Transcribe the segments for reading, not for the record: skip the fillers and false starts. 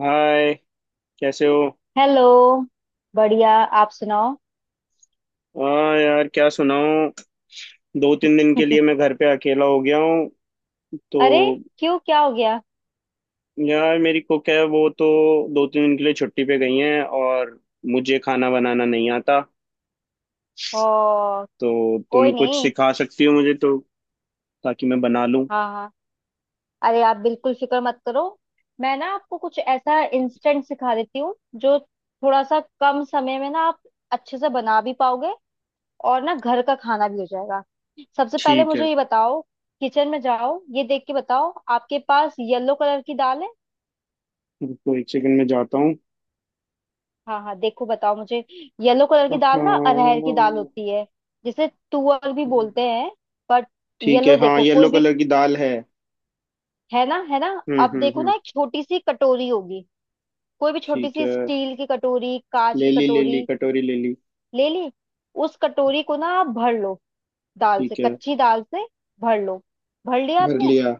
हाय। कैसे हो। हेलो। बढ़िया। आप सुनाओ। हाँ यार, क्या सुनाऊं। दो तीन दिन के लिए मैं घर पे अकेला हो गया हूँ तो। अरे, क्यों क्या हो गया? यार मेरी कुक है, वो तो दो तीन दिन के लिए छुट्टी पे गई हैं, और मुझे खाना बनाना नहीं आता, ओ, तो कोई तुम कुछ नहीं। सिखा सकती हो मुझे तो। ताकि मैं बना लूं। हाँ हाँ, अरे आप बिल्कुल फिक्र मत करो। मैं ना आपको कुछ ऐसा इंस्टेंट सिखा देती हूँ जो थोड़ा सा कम समय में ना आप अच्छे से बना भी पाओगे, और ना घर का खाना भी हो जाएगा। सबसे पहले ठीक है। मुझे ये बताओ, किचन में जाओ, ये देख के बताओ आपके पास येलो कलर की दाल है? रुको, एक सेकंड में जाता हूँ। हाँ हाँ, देखो बताओ मुझे। येलो कलर की हाँ दाल ना अरहर की दाल होती है जिसे तुअर भी बोलते हैं। बट ठीक है। येलो हाँ, देखो येलो कोई भी, कलर की दाल है। है ना, है ना? अब देखो हम्म। ना एक छोटी सी कटोरी होगी, कोई भी छोटी ठीक सी है, स्टील की कटोरी, कांच ले की ली। कटोरी। कटोरी ले ली। ले ली। उस कटोरी को ना आप भर लो दाल से, ठीक है, कच्ची दाल से। भर लो। भर लिया भर आपने? लिया।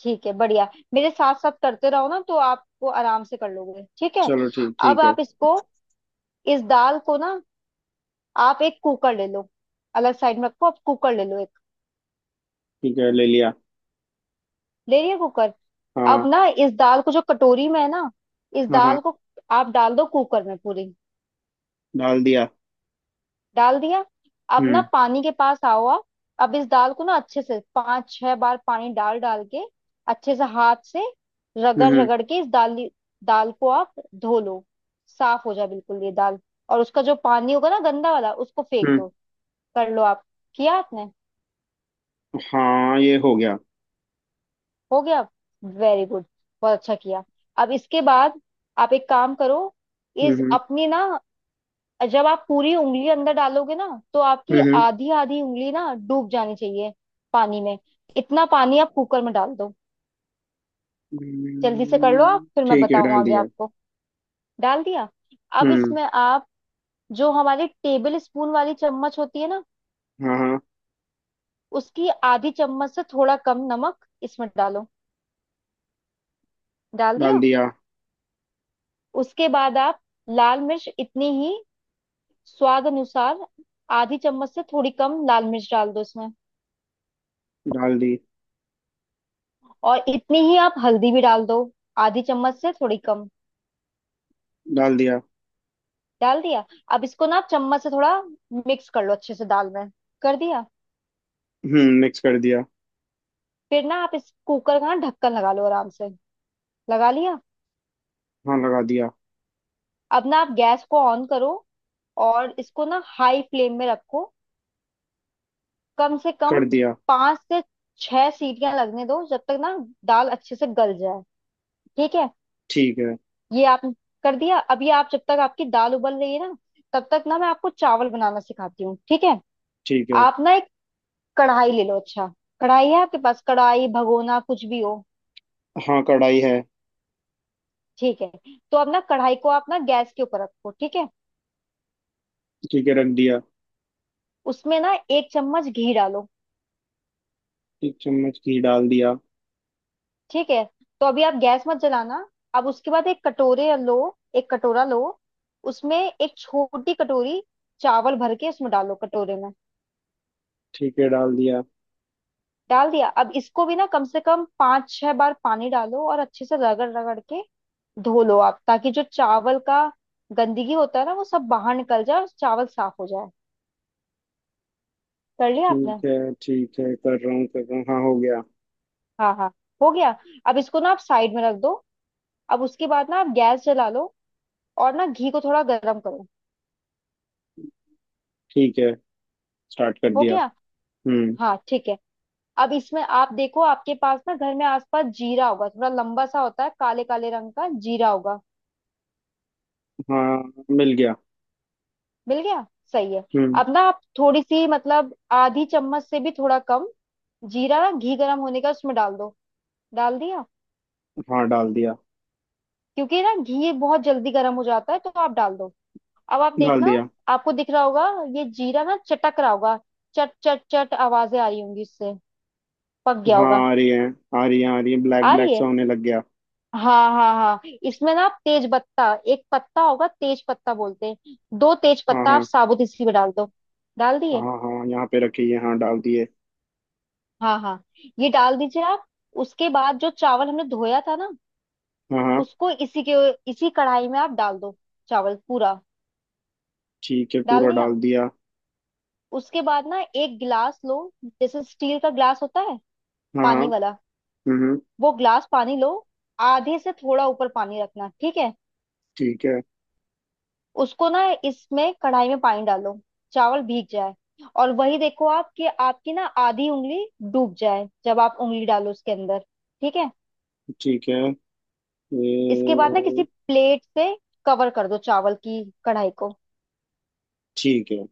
ठीक है, बढ़िया। मेरे साथ साथ करते रहो ना तो आपको आराम से कर लोगे, ठीक है? चलो, ठीक अब ठीक है। आप इसको, इस दाल को ना, आप एक कुकर ले लो। अलग साइड में रखो, आप कुकर ले लो एक। ठीक है, ले लिया। ले लिया कुकर। अब हाँ ना इस दाल को, जो कटोरी में है ना, इस हाँ। हाँ दाल को आप डाल दो कुकर में पूरी। डाल दिया। डाल दिया। अब ना हम्म पानी के पास आओ आप। अब इस दाल को ना अच्छे से 5-6 बार पानी डाल डाल के, अच्छे से हाथ से हम्म रगड़ हम्म रगड़ के, इस दाल, दाल को आप धो लो। साफ हो जाए बिल्कुल ये दाल, और उसका जो पानी होगा ना गंदा वाला, उसको फेंक हम्म, दो। कर लो आप। किया आपने? हाँ ये हो गया। हो गया। वेरी गुड, बहुत अच्छा किया। अब इसके बाद आप एक काम करो, हम्म इस हम्म अपनी ना, जब आप पूरी उंगली अंदर डालोगे ना, तो आपकी हम्म आधी आधी उंगली ना डूब जानी चाहिए पानी में। इतना पानी आप कुकर में डाल दो। जल्दी से कर लो आप, फिर मैं ठीक है बताऊं डाल आगे दिया। आपको। डाल दिया। अब हम्म। इसमें आप, जो हमारी टेबल स्पून वाली चम्मच होती है ना, हाँ हाँ उसकी आधी चम्मच से थोड़ा कम नमक इसमें डालो। डाल डाल दिया। दिया। उसके बाद आप लाल मिर्च इतनी ही, स्वाद अनुसार, आधी चम्मच से थोड़ी कम लाल मिर्च डाल दो इसमें। डाल दी। और इतनी ही आप हल्दी भी डाल दो, आधी चम्मच से थोड़ी कम। डाल दिया। डाल दिया। अब इसको ना आप चम्मच से थोड़ा मिक्स कर लो अच्छे से दाल में। कर दिया। मिक्स कर दिया। फिर ना आप इस कुकर का ना ढक्कन लगा लो आराम से। लगा लिया। हाँ लगा दिया। अब ना आप गैस को ऑन करो, और इसको ना हाई फ्लेम में रखो। कम से कम कर दिया। 5 से 6 सीटियां लगने दो जब तक ना दाल अच्छे से गल जाए, ठीक है? ठीक है। ये आप कर दिया। अभी आप, जब तक आपकी दाल उबल रही है ना, तब तक ना मैं आपको चावल बनाना सिखाती हूँ, ठीक है? ठीक है। आप ना एक कढ़ाई ले लो। अच्छा, कढ़ाई है आपके पास? कढ़ाई, भगोना, कुछ भी हो। हाँ कढ़ाई है। ठीक है। तो अब ना कढ़ाई को आप ना गैस के ऊपर रखो, ठीक है? ठीक है, रख दिया। उसमें ना एक चम्मच घी डालो। 1 चम्मच घी डाल दिया। ठीक है, तो अभी आप गैस मत जलाना। अब उसके बाद एक कटोरे लो, एक कटोरा लो। उसमें एक छोटी कटोरी चावल भर के उसमें डालो, कटोरे में। ठीक है, डाल दिया। डाल दिया। अब इसको भी ना कम से कम पांच छह बार पानी डालो, और अच्छे से रगड़ रगड़ के धो लो आप, ताकि जो चावल का गंदगी होता है ना वो सब बाहर निकल जाए और चावल साफ हो जाए। कर लिया आपने? ठीक है। ठीक है, कर रहा हूँ कर रहा हूँ, हाँ हो गया। हाँ हाँ, हो गया। अब इसको ना आप साइड में रख दो। अब उसके बाद ना आप गैस जला लो, और ना घी को थोड़ा गर्म करो। ठीक है, स्टार्ट कर हो दिया। गया। हम्म। हाँ ठीक है। अब इसमें आप देखो, आपके पास ना घर में आसपास जीरा होगा, थोड़ा लंबा सा होता है, काले काले रंग का जीरा होगा। हाँ मिल गया। मिल गया? सही है। हम्म। अब ना आप थोड़ी सी, मतलब आधी चम्मच से भी थोड़ा कम जीरा ना घी गर्म होने का उसमें डाल दो। डाल दिया। हाँ डाल दिया। क्योंकि ना घी बहुत जल्दी गर्म हो जाता है, तो आप डाल दो। अब आप डाल देखना, दिया। आपको दिख रहा होगा ये जीरा ना चटक रहा होगा, चट चट चट आवाजें आ रही होंगी इससे। पक गया हाँ होगा। आ रही है, आ रही है। आ रही है, ब्लैक आ ब्लैक रही सा है, होने लग गया। हाँ हाँ हाँ। इसमें ना आप तेज पत्ता, एक पत्ता होगा तेज पत्ता बोलते हैं, दो तेज हाँ पत्ता आप हाँ साबुत इसी में डाल दो। डाल दिए। हाँ। हाँ यहाँ पे रखी है, हाँ डाल दिए। हाँ हाँ, ये डाल दीजिए आप। उसके बाद जो चावल हमने धोया था ना, हाँ हाँ। उसको इसी के, इसी कढ़ाई में आप डाल दो, चावल पूरा। ठीक है, डाल पूरा दिया। डाल दिया। उसके बाद ना एक गिलास लो, जैसे स्टील का गिलास होता है हाँ हाँ। पानी वाला, हम्म हम्म, वो गिलास पानी लो। आधे से थोड़ा ऊपर पानी रखना, ठीक है? ठीक है। उसको ना इसमें कढ़ाई में पानी डालो, चावल भीग जाए। और वही देखो आप कि आपकी ना आधी उंगली डूब जाए जब आप उंगली डालो उसके अंदर, ठीक है? ठीक है इसके बाद ना किसी ये प्लेट से कवर कर दो चावल की कढ़ाई को। ठीक है,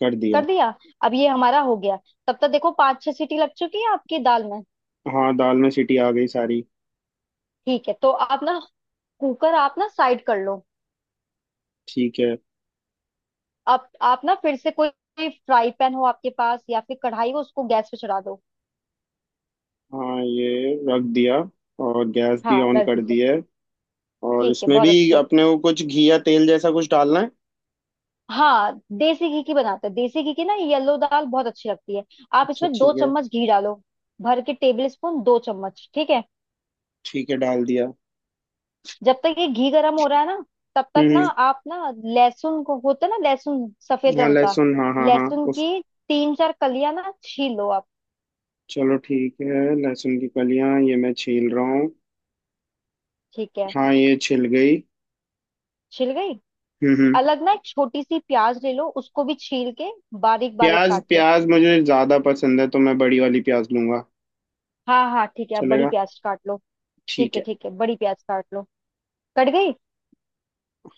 कर दिया। कर दिया। अब ये हमारा हो गया। तब तक देखो 5-6 सीटी लग चुकी है आपकी दाल में। हाँ दाल में सीटी आ गई सारी। ठीक है, तो आप ना कुकर आप ना साइड कर लो। ठीक है। आप ना फिर से कोई फ्राई पैन हो आपके पास, या फिर कढ़ाई हो, उसको गैस पे चढ़ा दो। हाँ ये रख दिया, और गैस भी हाँ ऑन रख कर दीजिए। दी है। और ठीक है, इसमें बहुत भी अच्छे। अपने को कुछ घी या तेल जैसा कुछ डालना है। हाँ, देसी घी की बनाते हैं, देसी घी की ना येलो दाल बहुत अच्छी लगती है। आप अच्छा, इसमें दो ठीक है। चम्मच घी डालो, भर के टेबल स्पून 2 चम्मच, ठीक है? ठीक है, डाल दिया। जब तक ये घी गरम हो रहा है ना, तब तक ना हम्म। आप ना लहसुन को, होता है ना लहसुन सफेद हाँ रंग का, लहसुन, हाँ हाँ हाँ लहसुन उस की 3-4 कलियां ना छील लो आप। चलो ठीक है, लहसुन की कलियां ये मैं छील रहा हूँ। ठीक है। हाँ ये छिल गई। छिल गई। हम्म। अलग ना एक छोटी सी प्याज ले लो, उसको भी छील के बारीक बारीक प्याज काट लो। प्याज मुझे ज्यादा पसंद है, तो मैं बड़ी वाली प्याज लूंगा। हाँ हाँ ठीक है, आप बड़ी चलेगा। प्याज काट लो। ठीक ठीक है है। ठीक है, बड़ी प्याज काट लो। कट गई?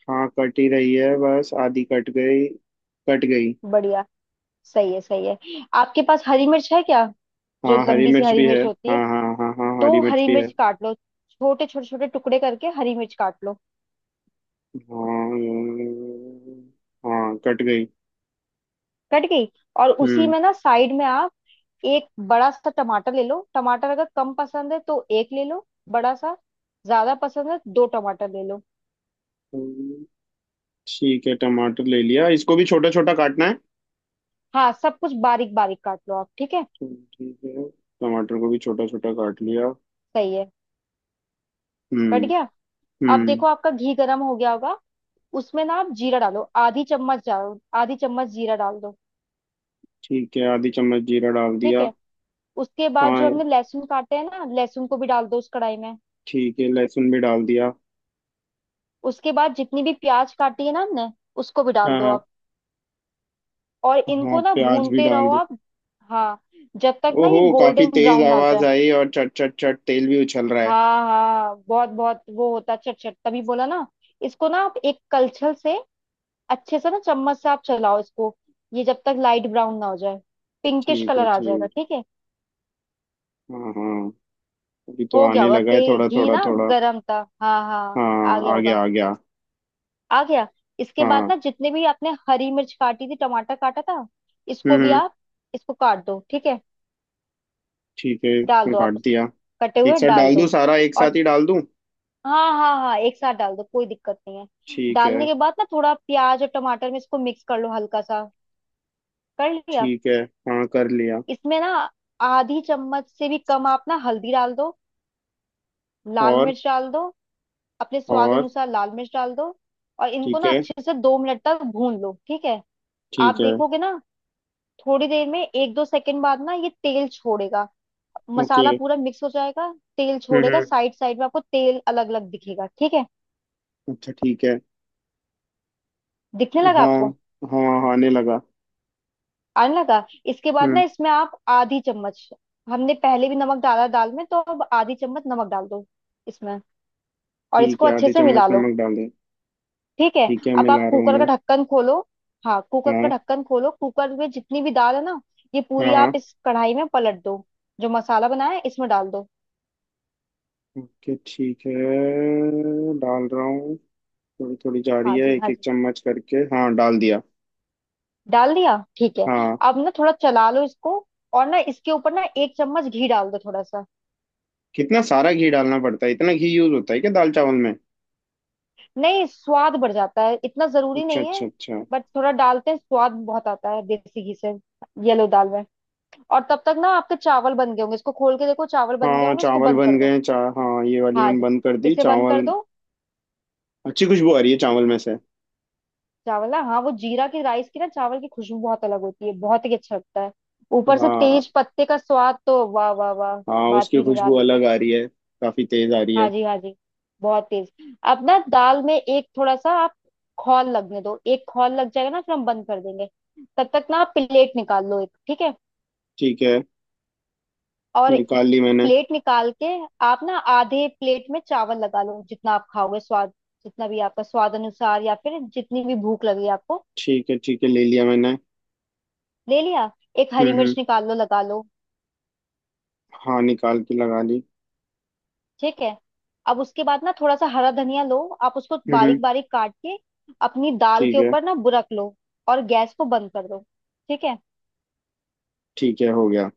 हाँ कट ही रही है, बस आधी कट गई। कट गई। बढ़िया, सही है सही है। आपके पास हरी मिर्च है क्या? जो हाँ हरी लंबी सी मिर्च हरी भी है। मिर्च होती हाँ है, हाँ हाँ हाँ, दो हरी मिर्च हरी भी है। मिर्च काट लो। छोटे छोटे छोटे टुकड़े करके हरी मिर्च काट लो। हाँ हाँ कट गई। कट गई। और उसी हम्म। में ना साइड में आप एक बड़ा सा टमाटर ले लो। टमाटर अगर कम पसंद है तो एक ले लो, बड़ा सा। ज्यादा पसंद है 2 टमाटर ले लो। ठीक है टमाटर ले लिया, इसको भी छोटा छोटा काटना है हाँ सब कुछ बारीक बारीक काट लो आप, ठीक है? तो। ठीक है, टमाटर को भी छोटा छोटा काट लिया। सही है। कट हम्म गया। अब हम्म। देखो आपका घी गर्म हो गया होगा। उसमें ना आप जीरा डालो, आधी चम्मच डालो, आधी चम्मच जीरा डाल दो। ठीक है, आधी चम्मच जीरा डाल ठीक दिया। है। उसके बाद जो हाँ हमने लहसुन काटे हैं ना, लहसुन को भी डाल दो उस कढ़ाई में। ठीक है, लहसुन भी डाल दिया। उसके बाद जितनी भी प्याज काटी है ना हमने, उसको भी डाल हाँ दो हाँ आप। और हाँ, इनको ना प्याज भी भूनते डाल रहो दी। आप। हाँ, जब तक ना ओहो, ये काफी गोल्डन तेज ब्राउन ना हो आवाज जाए। आई, और चट चट चट तेल भी उछल रहा है। हाँ हाँ, बहुत बहुत वो होता है, चटचट तभी बोला ना। इसको ना आप एक कलछल से, अच्छे से ना चम्मच से आप चलाओ इसको। ये जब तक लाइट ब्राउन ना हो जाए, पिंकिश ठीक है। कलर आ जाएगा, ठीक ठीक है? हाँ हाँ, अभी तो हो गया आने होगा, लगा ते है थोड़ा घी थोड़ा ना थोड़ा। गरम था। हाँ हाँ। आ हाँ गया आ गया, होगा। आ गया। आ गया। इसके बाद हाँ। ना जितने भी आपने हरी मिर्च काटी थी, टमाटर काटा था, इसको हम्म भी हम्म, आप, इसको काट दो, ठीक है? ठीक है डाल इसमें दो आप काट उसमें, दिया। कटे एक हुए साथ डाल डाल दूं दो। सारा, एक और, साथ ही डाल दूं। हाँ हाँ हाँ, एक साथ डाल दो, कोई दिक्कत नहीं है। ठीक है। डालने के बाद ना थोड़ा प्याज और टमाटर में इसको मिक्स कर लो, हल्का सा। कर लिया। ठीक है, हाँ कर लिया। इसमें ना आधी चम्मच से भी कम आप ना हल्दी डाल दो, लाल और मिर्च डाल दो, अपने स्वाद और अनुसार लाल मिर्च डाल दो। और इनको ठीक ना है। अच्छे से 2 मिनट तक भून लो, ठीक है? आप ठीक है। देखोगे ना, थोड़ी देर में 1-2 सेकंड बाद ना ये तेल छोड़ेगा, ओके। मसाला पूरा मिक्स हो जाएगा। तेल छोड़ेगा, हम्म। साइड साइड में आपको तेल अलग अलग दिखेगा, ठीक है? अच्छा ठीक है। दिखने लगा हाँ आपको? हाँ हाँ, आने लगा। आने लगा। इसके बाद ना हम्म। इसमें आप आधी चम्मच, हमने पहले भी नमक डाला दाल में तो अब आधी चम्मच नमक डाल दो इसमें, और ठीक इसको है, अच्छे आधी से चम्मच मिला लो। नमक डाल दे। ठीक है। ठीक है, अब आप मिला रहा हूँ कुकर का मैं। ढक्कन खोलो। हाँ कुकर का हाँ ढक्कन खोलो, कुकर में जितनी भी दाल है ना, ये पूरी हाँ आप हाँ। इस कढ़ाई में पलट दो, जो मसाला बनाया है इसमें डाल दो। ओके ठीक है, डाल रहा हूँ। थोड़ी थोड़ी जा रही हाँ है, जी, एक हाँ एक जी, चम्मच करके, हाँ डाल दिया। डाल दिया, ठीक है। हाँ। अब ना थोड़ा चला लो इसको, और ना इसके ऊपर ना एक चम्मच घी डाल दो, थोड़ा सा। कितना सारा घी डालना पड़ता है, इतना घी यूज होता है क्या दाल चावल में। नहीं, स्वाद बढ़ जाता है, इतना जरूरी अच्छा नहीं अच्छा है। अच्छा। बट थोड़ा डालते हैं, स्वाद बहुत आता है देसी घी से, येलो दाल में। और तब तक ना आपके चावल बन गए होंगे, इसको खोल के देखो, चावल बन गए हाँ होंगे, इसको चावल बंद कर बन दो। गए, चा हाँ ये वाली हाँ मैंने जी, बंद कर दी, इसे बंद चावल। कर दो। अच्छी खुशबू आ रही है चावल में से। चावल ना, हाँ वो जीरा की राइस की ना, चावल की खुशबू बहुत अलग होती है, बहुत ही अच्छा लगता है। ऊपर से हाँ तेज पत्ते का स्वाद, तो वाह वाह वाह, हाँ, बात उसकी ही खुशबू निराली है। अलग आ रही है। काफी तेज आ रही हाँ है। जी हाँ जी, बहुत तेज। अब ना दाल में एक थोड़ा सा आप खौल लगने दो, एक खौल लग जाएगा ना फिर हम बंद कर देंगे। तब तक ना आप प्लेट निकाल लो एक, ठीक है? ठीक है। और निकाल ली मैंने। प्लेट निकाल के, आप ना आधे प्लेट में चावल लगा लो, जितना आप खाओगे स्वाद, जितना भी आपका स्वाद अनुसार, या फिर जितनी भी भूख लगी आपको। ठीक है। ठीक है, ले लिया मैंने। ले लिया। एक हरी मिर्च हम्म। निकाल लो, लगा लो। हाँ निकाल के लगा ली। ठीक है। अब उसके बाद ना थोड़ा सा हरा धनिया लो आप, उसको हम्म। बारीक बारीक काट के अपनी दाल ठीक के है। ऊपर ना बुरक लो, और गैस को बंद कर दो, ठीक है? ठीक है, हो गया।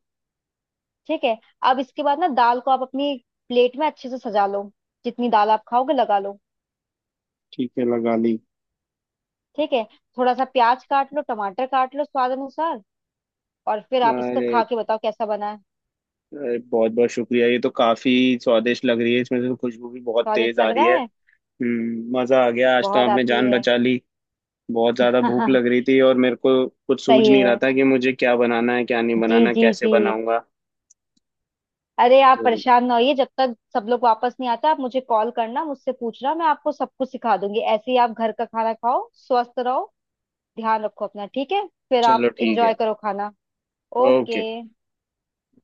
ठीक है। अब इसके बाद ना दाल को आप अपनी प्लेट में अच्छे से सजा लो, जितनी दाल आप खाओगे लगा लो। ठीक है, लगा ली। ठीक है। थोड़ा सा प्याज काट लो, टमाटर काट लो, स्वाद अनुसार, और फिर आप इसको खा अरे, के बताओ कैसा बना है। अरे बहुत बहुत शुक्रिया। ये तो काफी स्वादिष्ट लग रही है, इसमें से तो खुशबू भी बहुत तेज स्वादिष्ट आ लग रही रहा है। है? मजा आ गया आज, तो बहुत आपने आती जान है। बचा ली। बहुत ज्यादा भूख लग रही थी, और मेरे को कुछ सूझ सही नहीं रहा है। था कि मुझे क्या बनाना है, क्या नहीं जी बनाना, जी कैसे जी, बनाऊंगा। अरे आप तो परेशान ना होइए, जब तक सब लोग वापस नहीं आता आप मुझे कॉल करना, मुझसे पूछना, मैं आपको सब कुछ सिखा दूंगी। ऐसे ही आप घर का खाना खाओ, स्वस्थ रहो, ध्यान रखो अपना, ठीक है? फिर चलो, आप ठीक इंजॉय है। करो खाना। ओके। ओके।